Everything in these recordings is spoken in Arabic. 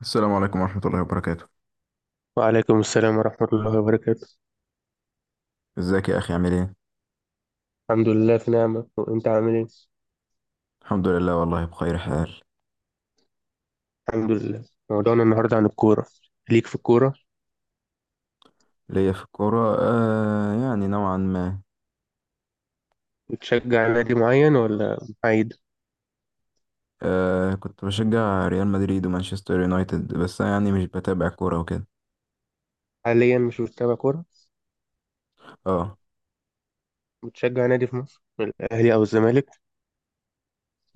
السلام عليكم ورحمة الله وبركاته. وعليكم السلام ورحمة الله وبركاته. ازيك يا أخي، عامل ايه؟ الحمد لله في نعمة، وأنت عامل إيه؟ الحمد لله، والله بخير حال. الحمد لله. موضوعنا النهاردة عن الكورة. ليك في الكورة؟ ليا في الكورة، يعني نوعا ما. بتشجع نادي معين ولا محايد؟ كنت بشجع ريال مدريد ومانشستر يونايتد، بس أنا يعني مش بتابع كورة وكده. حاليا مش بتتابع كورة؟ اه. بتشجع نادي في مصر، الأهلي أو الزمالك؟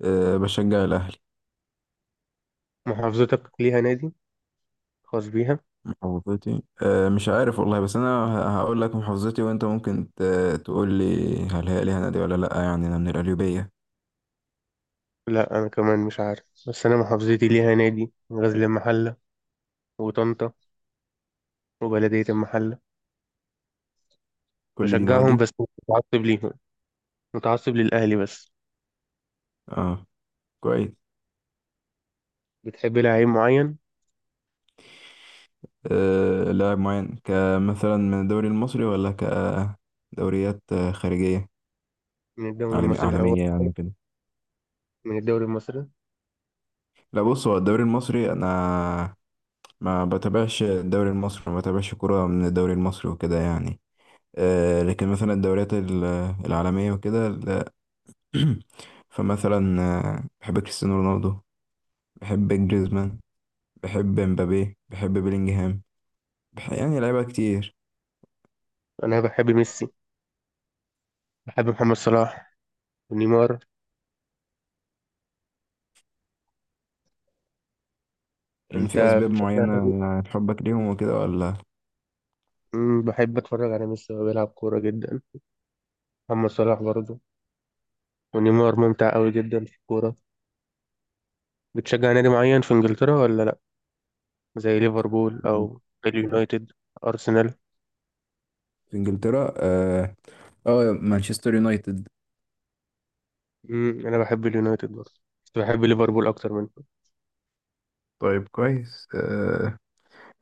بشجع الأهلي. محافظتك ليها نادي خاص بيها؟ محافظتي، مش عارف والله، بس أنا هقول لك محافظتي، وأنت ممكن تقول لي هل هي ليها نادي ولا لأ، يعني أنا من القليوبية. لا، أنا كمان مش عارف، بس أنا محافظتي ليها نادي غزل المحلة وطنطا وبلدية المحلة. كل دي بشجعهم نوادي؟ بس مش متعصب ليهم، متعصب للأهلي بس. اه، كويس. بتحب لعيب معين؟ لاعب معين، كمثلا من الدوري المصري ولا كدوريات خارجية، من الدوري المصري الأول، عالمية يعني كده؟ من الدوري المصري؟ لا، بص، هو الدوري المصري، أنا ما بتابعش الدوري المصري، ما بتابعش كرة من الدوري المصري وكده يعني. لكن مثلا الدوريات العالمية وكده فمثلا، بحب كريستيانو رونالدو، بحب جريزمان، بحب مبابي، بحب بيلينجهام. يعني لعيبة كتير. انا بحب ميسي، بحب محمد صلاح ونيمار. في انت أسباب بتشجع مين؟ معينة لحبك ليهم وكده، ولا؟ بحب اتفرج على ميسي وهو بيلعب كوره جدا، محمد صلاح برضه، ونيمار ممتع قوي جدا في الكوره. بتشجع نادي معين في انجلترا ولا لا؟ زي ليفربول او اليونايتد، ارسنال؟ في انجلترا، اه. مانشستر يونايتد. انا بحب اليونايتد برضه، بس بحب ليفربول اكتر منه. طيب كويس.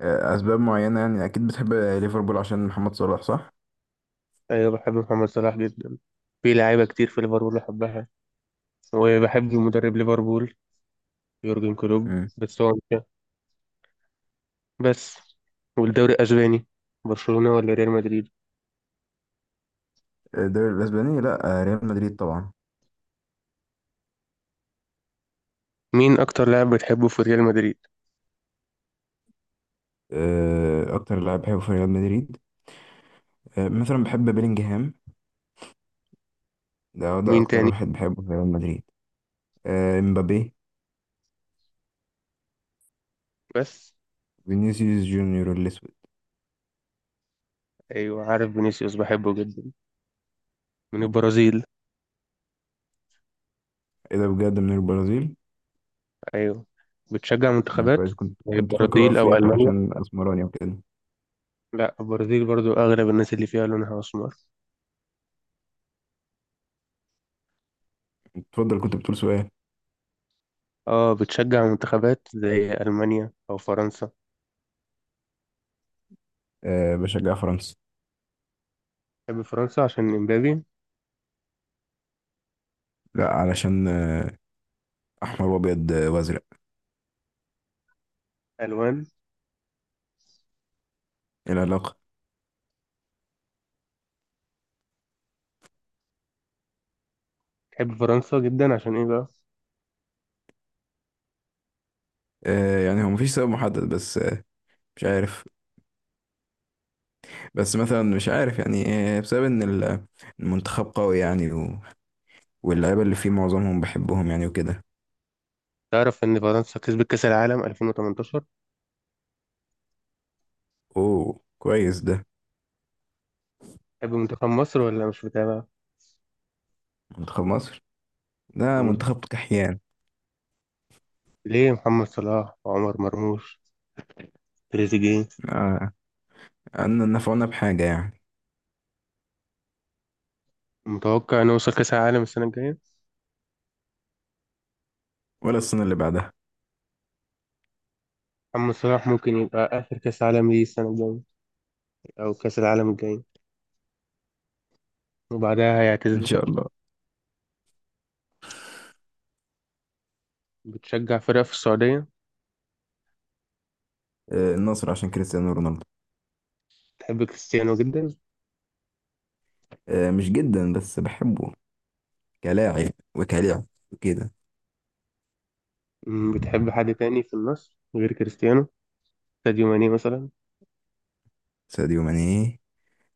أسباب معينة يعني، أكيد بتحب ليفربول عشان محمد صلاح صح؟ ايوه بحب محمد صلاح جدا، في لعيبه كتير في ليفربول بحبها، وبحب مدرب ليفربول يورجن كلوب. مم. بس هو بس والدوري الأسباني، برشلونة ولا ريال مدريد؟ الدوري الأسباني لأ. ريال مدريد طبعا. مين أكتر لاعب بتحبه في ريال مدريد؟ اكتر لاعب بحبه في ريال مدريد، مثلا بحب بيلينجهام، ده مين اكتر تاني؟ واحد بحبه في ريال مدريد. امبابي، بس؟ فينيسيوس جونيور الاسود. أيوة عارف فينيسيوس، بحبه جدا. من مم. البرازيل؟ ايه ده، بجد من البرازيل؟ أيوة. بتشجع مم، منتخبات كويس. كنت زي كنت فاكره البرازيل أو افريقي ألمانيا؟ عشان اسمراني وكده. لا، البرازيل برضو أغلب الناس اللي فيها لونها أسمر. اتفضل، كنت بتقول سؤال. اه، بتشجع منتخبات زي ألمانيا أو فرنسا؟ بشجع فرنسا. تحب فرنسا عشان إمبابي؟ لا، علشان احمر وابيض وازرق. ألوان؟ ايه العلاقه؟ تحب فرنسا جدا عشان إيه بقى؟ يعني هو مفيش سبب محدد، بس مش عارف، بس مثلا مش عارف يعني، بسبب ان المنتخب قوي يعني واللعيبه اللي فيه معظمهم بحبهم يعني وكده. تعرف إن فرنسا كسبت كأس العالم 2018؟ اوه، كويس ده. تحب منتخب مصر ولا مش متابع؟ منتخب مصر، ده منتخب كحيان. ليه محمد صلاح وعمر مرموش، تريزيجيه. آه، ان نفعنا بحاجه يعني. متوقع انه يوصل كاس العالم السنه الجايه؟ ولا السنه اللي بعدها. محمد صلاح ممكن يبقى اخر كاس عالم ليه السنه الجايه او كاس العالم الجاي وبعدها ان هيعتزل. شاء الله. بتشجع فرقه في السعوديه؟ النصر عشان كريستيانو رونالدو. بتحب كريستيانو جدا؟ مش جدا بس بحبه كلاعب وكلاعب وكده. بتحب حد تاني في النصر غير كريستيانو؟ ساديو ماني مثلا؟ ساديو ماني،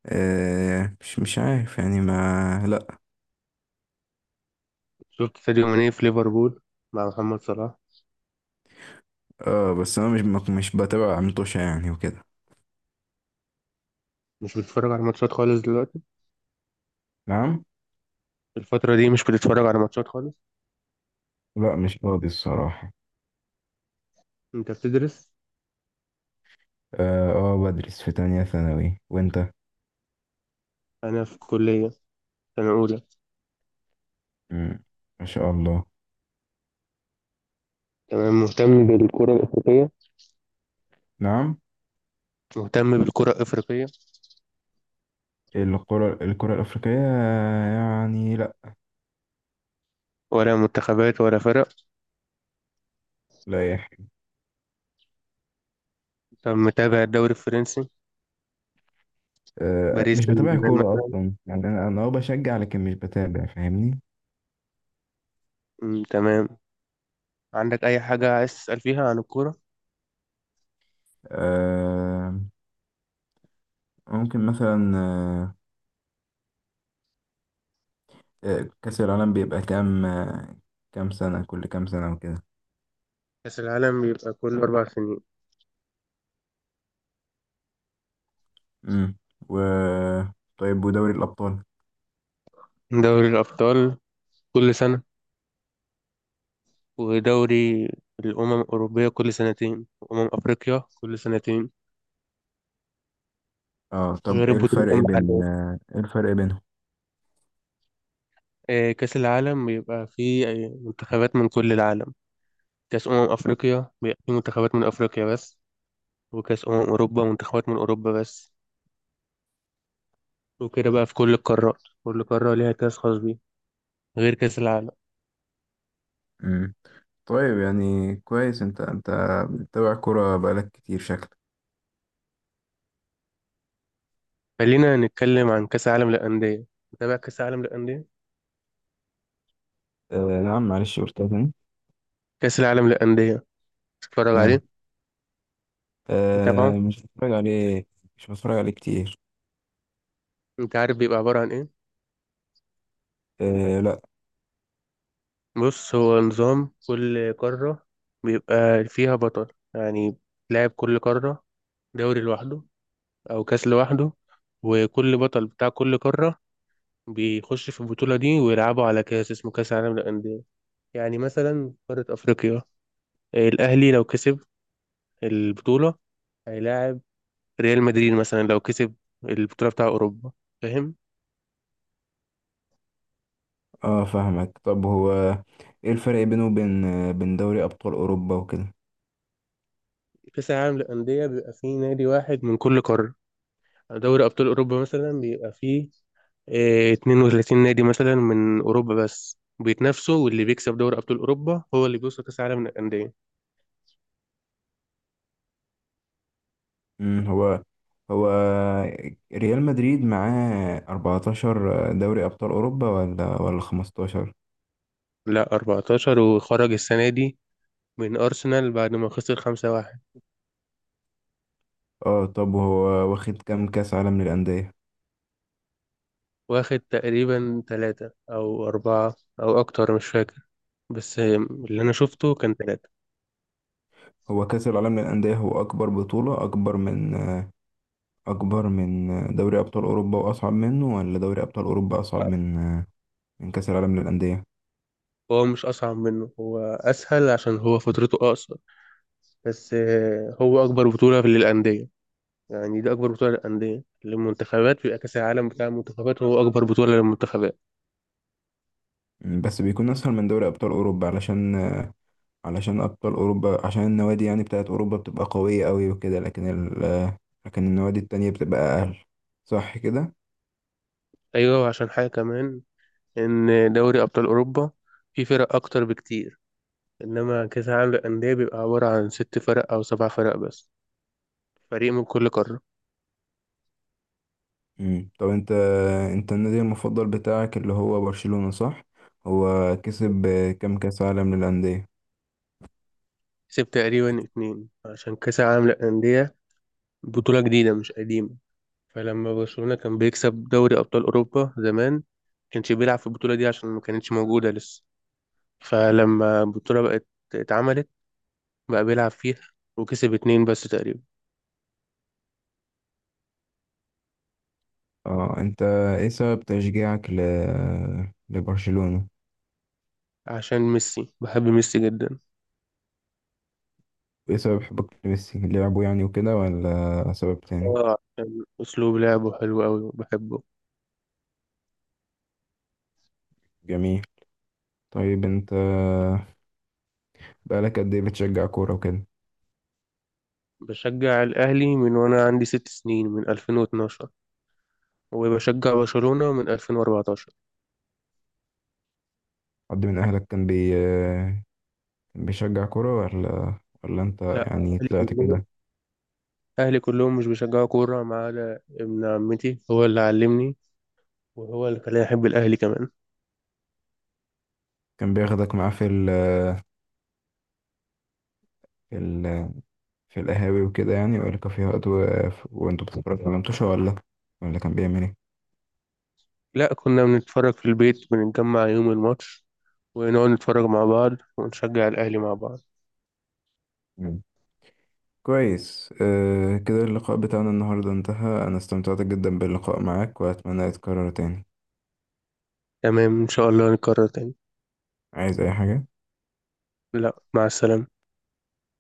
مش عارف يعني ما لا. شفت ساديو ماني في ليفربول مع محمد صلاح؟ اه، بس انا مش بتابع عمتوشة يعني وكده. مش بتتفرج على ماتشات خالص دلوقتي؟ نعم؟ الفتره دي مش بتتفرج على ماتشات خالص؟ لا، مش فاضي الصراحة. انت بتدرس؟ اه، بدرس في تانية ثانوي، وانت؟ انا في كليه سنه اولى. مم. ما شاء الله. تمام. مهتم بالكره الافريقيه؟ نعم؟ مهتم بالكرة الأفريقية؟ الكرة الأفريقية يعني لا. ولا منتخبات ولا فرق؟ لا يا أخي. طب متابع الدوري الفرنسي؟ باريس مش سان بتابع جيرمان كورة مثلاً؟ أصلا يعني، أنا بشجع، لكن مش بتابع، فاهمني؟ تمام. عندك أي حاجة عايز تسأل فيها عن الكورة؟ آه ممكن مثلا، كأس العالم بيبقى كام، كام سنة، كل كام سنة وكده؟ كأس العالم بيبقى كل 4 سنين. امم. و طيب، ودوري الأبطال؟ دوري الأبطال كل سنة، ودوري الأمم الأوروبية كل سنتين، وأمم أفريقيا كل سنتين. اه، طب، غير البطولات المحلية. ايه الفرق بينهم؟ كأس العالم بيبقى فيه منتخبات من كل العالم. كأس أمم أفريقيا بيبقى فيه منتخبات من أفريقيا بس، وكأس أمم أوروبا منتخبات من أوروبا بس. وكده بقى في كل القارات، كل قارة ليها كاس خاص بيه غير كاس العالم. امم. طيب، يعني كويس. انت بتتابع كورة بقالك كتير شكلك. خلينا نتكلم عن كاس العالم للأندية. متابع كاس العالم للأندية؟ نعم، معلش قلتها تاني؟ كاس العالم للأندية، تتفرج ماله. عليه؟ متابعه؟ مش بتفرج عليه، مش بتفرج عليه كتير. انت عارف بيبقى عبارة عن ايه؟ لا. بص، هو نظام كل قارة بيبقى فيها بطل، يعني لاعب كل قارة دوري لوحده أو كاس لوحده، وكل بطل بتاع كل قارة بيخش في البطولة دي ويلعبوا على كاس اسمه كاس العالم للأندية. يعني مثلا قارة أفريقيا، الأهلي لو كسب البطولة هيلاعب ريال مدريد مثلا لو كسب البطولة بتاع أوروبا. فاهم؟ اه، فاهمك. طب هو ايه الفرق بينه وبين آه، بين دوري أبطال أوروبا وكده؟ كأس العالم للأندية بيبقى فيه نادي واحد من كل قارة. دوري أبطال أوروبا مثلا بيبقى فيه 32 نادي مثلا من أوروبا بس بيتنافسوا، واللي بيكسب دوري أبطال أوروبا هو اللي بيوصل كأس العالم للأندية. امم. هو ريال مدريد معاه 14 دوري أبطال أوروبا، ولا 15؟ لا، 14، وخرج السنة دي من أرسنال بعد ما خسر 5-1. اه، طب هو واخد كام كأس عالم للأندية؟ واخد تقريبا ثلاثة أو أربعة أو أكتر مش فاكر، بس اللي أنا شفته كان ثلاثة. هو كأس العالم للأندية، هو أكبر بطولة، أكبر من دوري أبطال أوروبا وأصعب منه، ولا دوري أبطال أوروبا أصعب من كأس العالم للأندية؟ هو مش أصعب منه، هو أسهل عشان هو فترته أقصر، بس هو أكبر بطولة للأندية. يعني دي أكبر بطولة للأندية، للمنتخبات بيبقى كأس العالم بتاع المنتخبات هو أكبر بطولة للمنتخبات. مم، بس بيكون أسهل من دوري أبطال أوروبا علشان أبطال أوروبا، عشان النوادي يعني بتاعت أوروبا بتبقى قوية أوي وكده، لكن النوادي التانية بتبقى أقل، صح كده؟ أيوة، وعشان حاجة كمان، إن دوري أبطال أوروبا فيه فرق أكتر بكتير، إنما كأس العالم للأندية بيبقى عبارة عن 6 فرق أو 7 فرق بس، فريق من كل قارة. مم. طب أنت النادي المفضل بتاعك اللي هو برشلونة صح؟ هو كسب كام كأس عالم للأندية؟ كسب تقريبا اتنين، عشان كأس العالم للأندية بطولة جديدة مش قديمة، فلما برشلونة كان بيكسب دوري أبطال أوروبا زمان كانش بيلعب في البطولة دي عشان ما كانتش موجودة لسه، فلما البطولة بقت اتعملت بقى بيلعب فيها، وكسب اتنين بس تقريبا. اه، انت، ايه سبب تشجيعك لبرشلونة؟ عشان ميسي، بحب ميسي جدا. ايه سبب حبك لميسي، لعبه يعني وكده ولا سبب تاني؟ اه، عشان أسلوب لعبه حلو أوي وبحبه. جميل. طيب، انت بقالك قد ايه بتشجع كورة وكده؟ بشجع الأهلي من وأنا عندي 6 سنين، من 2012، وبشجع برشلونة من 2014. حد من اهلك كان بيشجع كورة، ولا انت لا، يعني أهلي طلعت كلهم كده؟ أهلي كلهم مش بيشجعوا كورة ما عدا ابن عمتي، هو اللي علمني وهو اللي خلاني أحب الأهلي كمان. كان بياخدك معاه في ال... في القهاوي وكده يعني، ولا كافيهات، وانتوا بتتفرجوا على متوشة، ولا كان بيعمل؟ لا، كنا بنتفرج في البيت، بنتجمع يوم الماتش ونقعد نتفرج مع بعض ونشجع الأهلي مع بعض. ايه، كويس. كده اللقاء بتاعنا النهاردة انتهى، أنا استمتعت جدا باللقاء معاك، وأتمنى يتكرر تاني. تمام إن شاء الله نكرر تاني. عايز أي حاجة؟ لا، مع السلامة.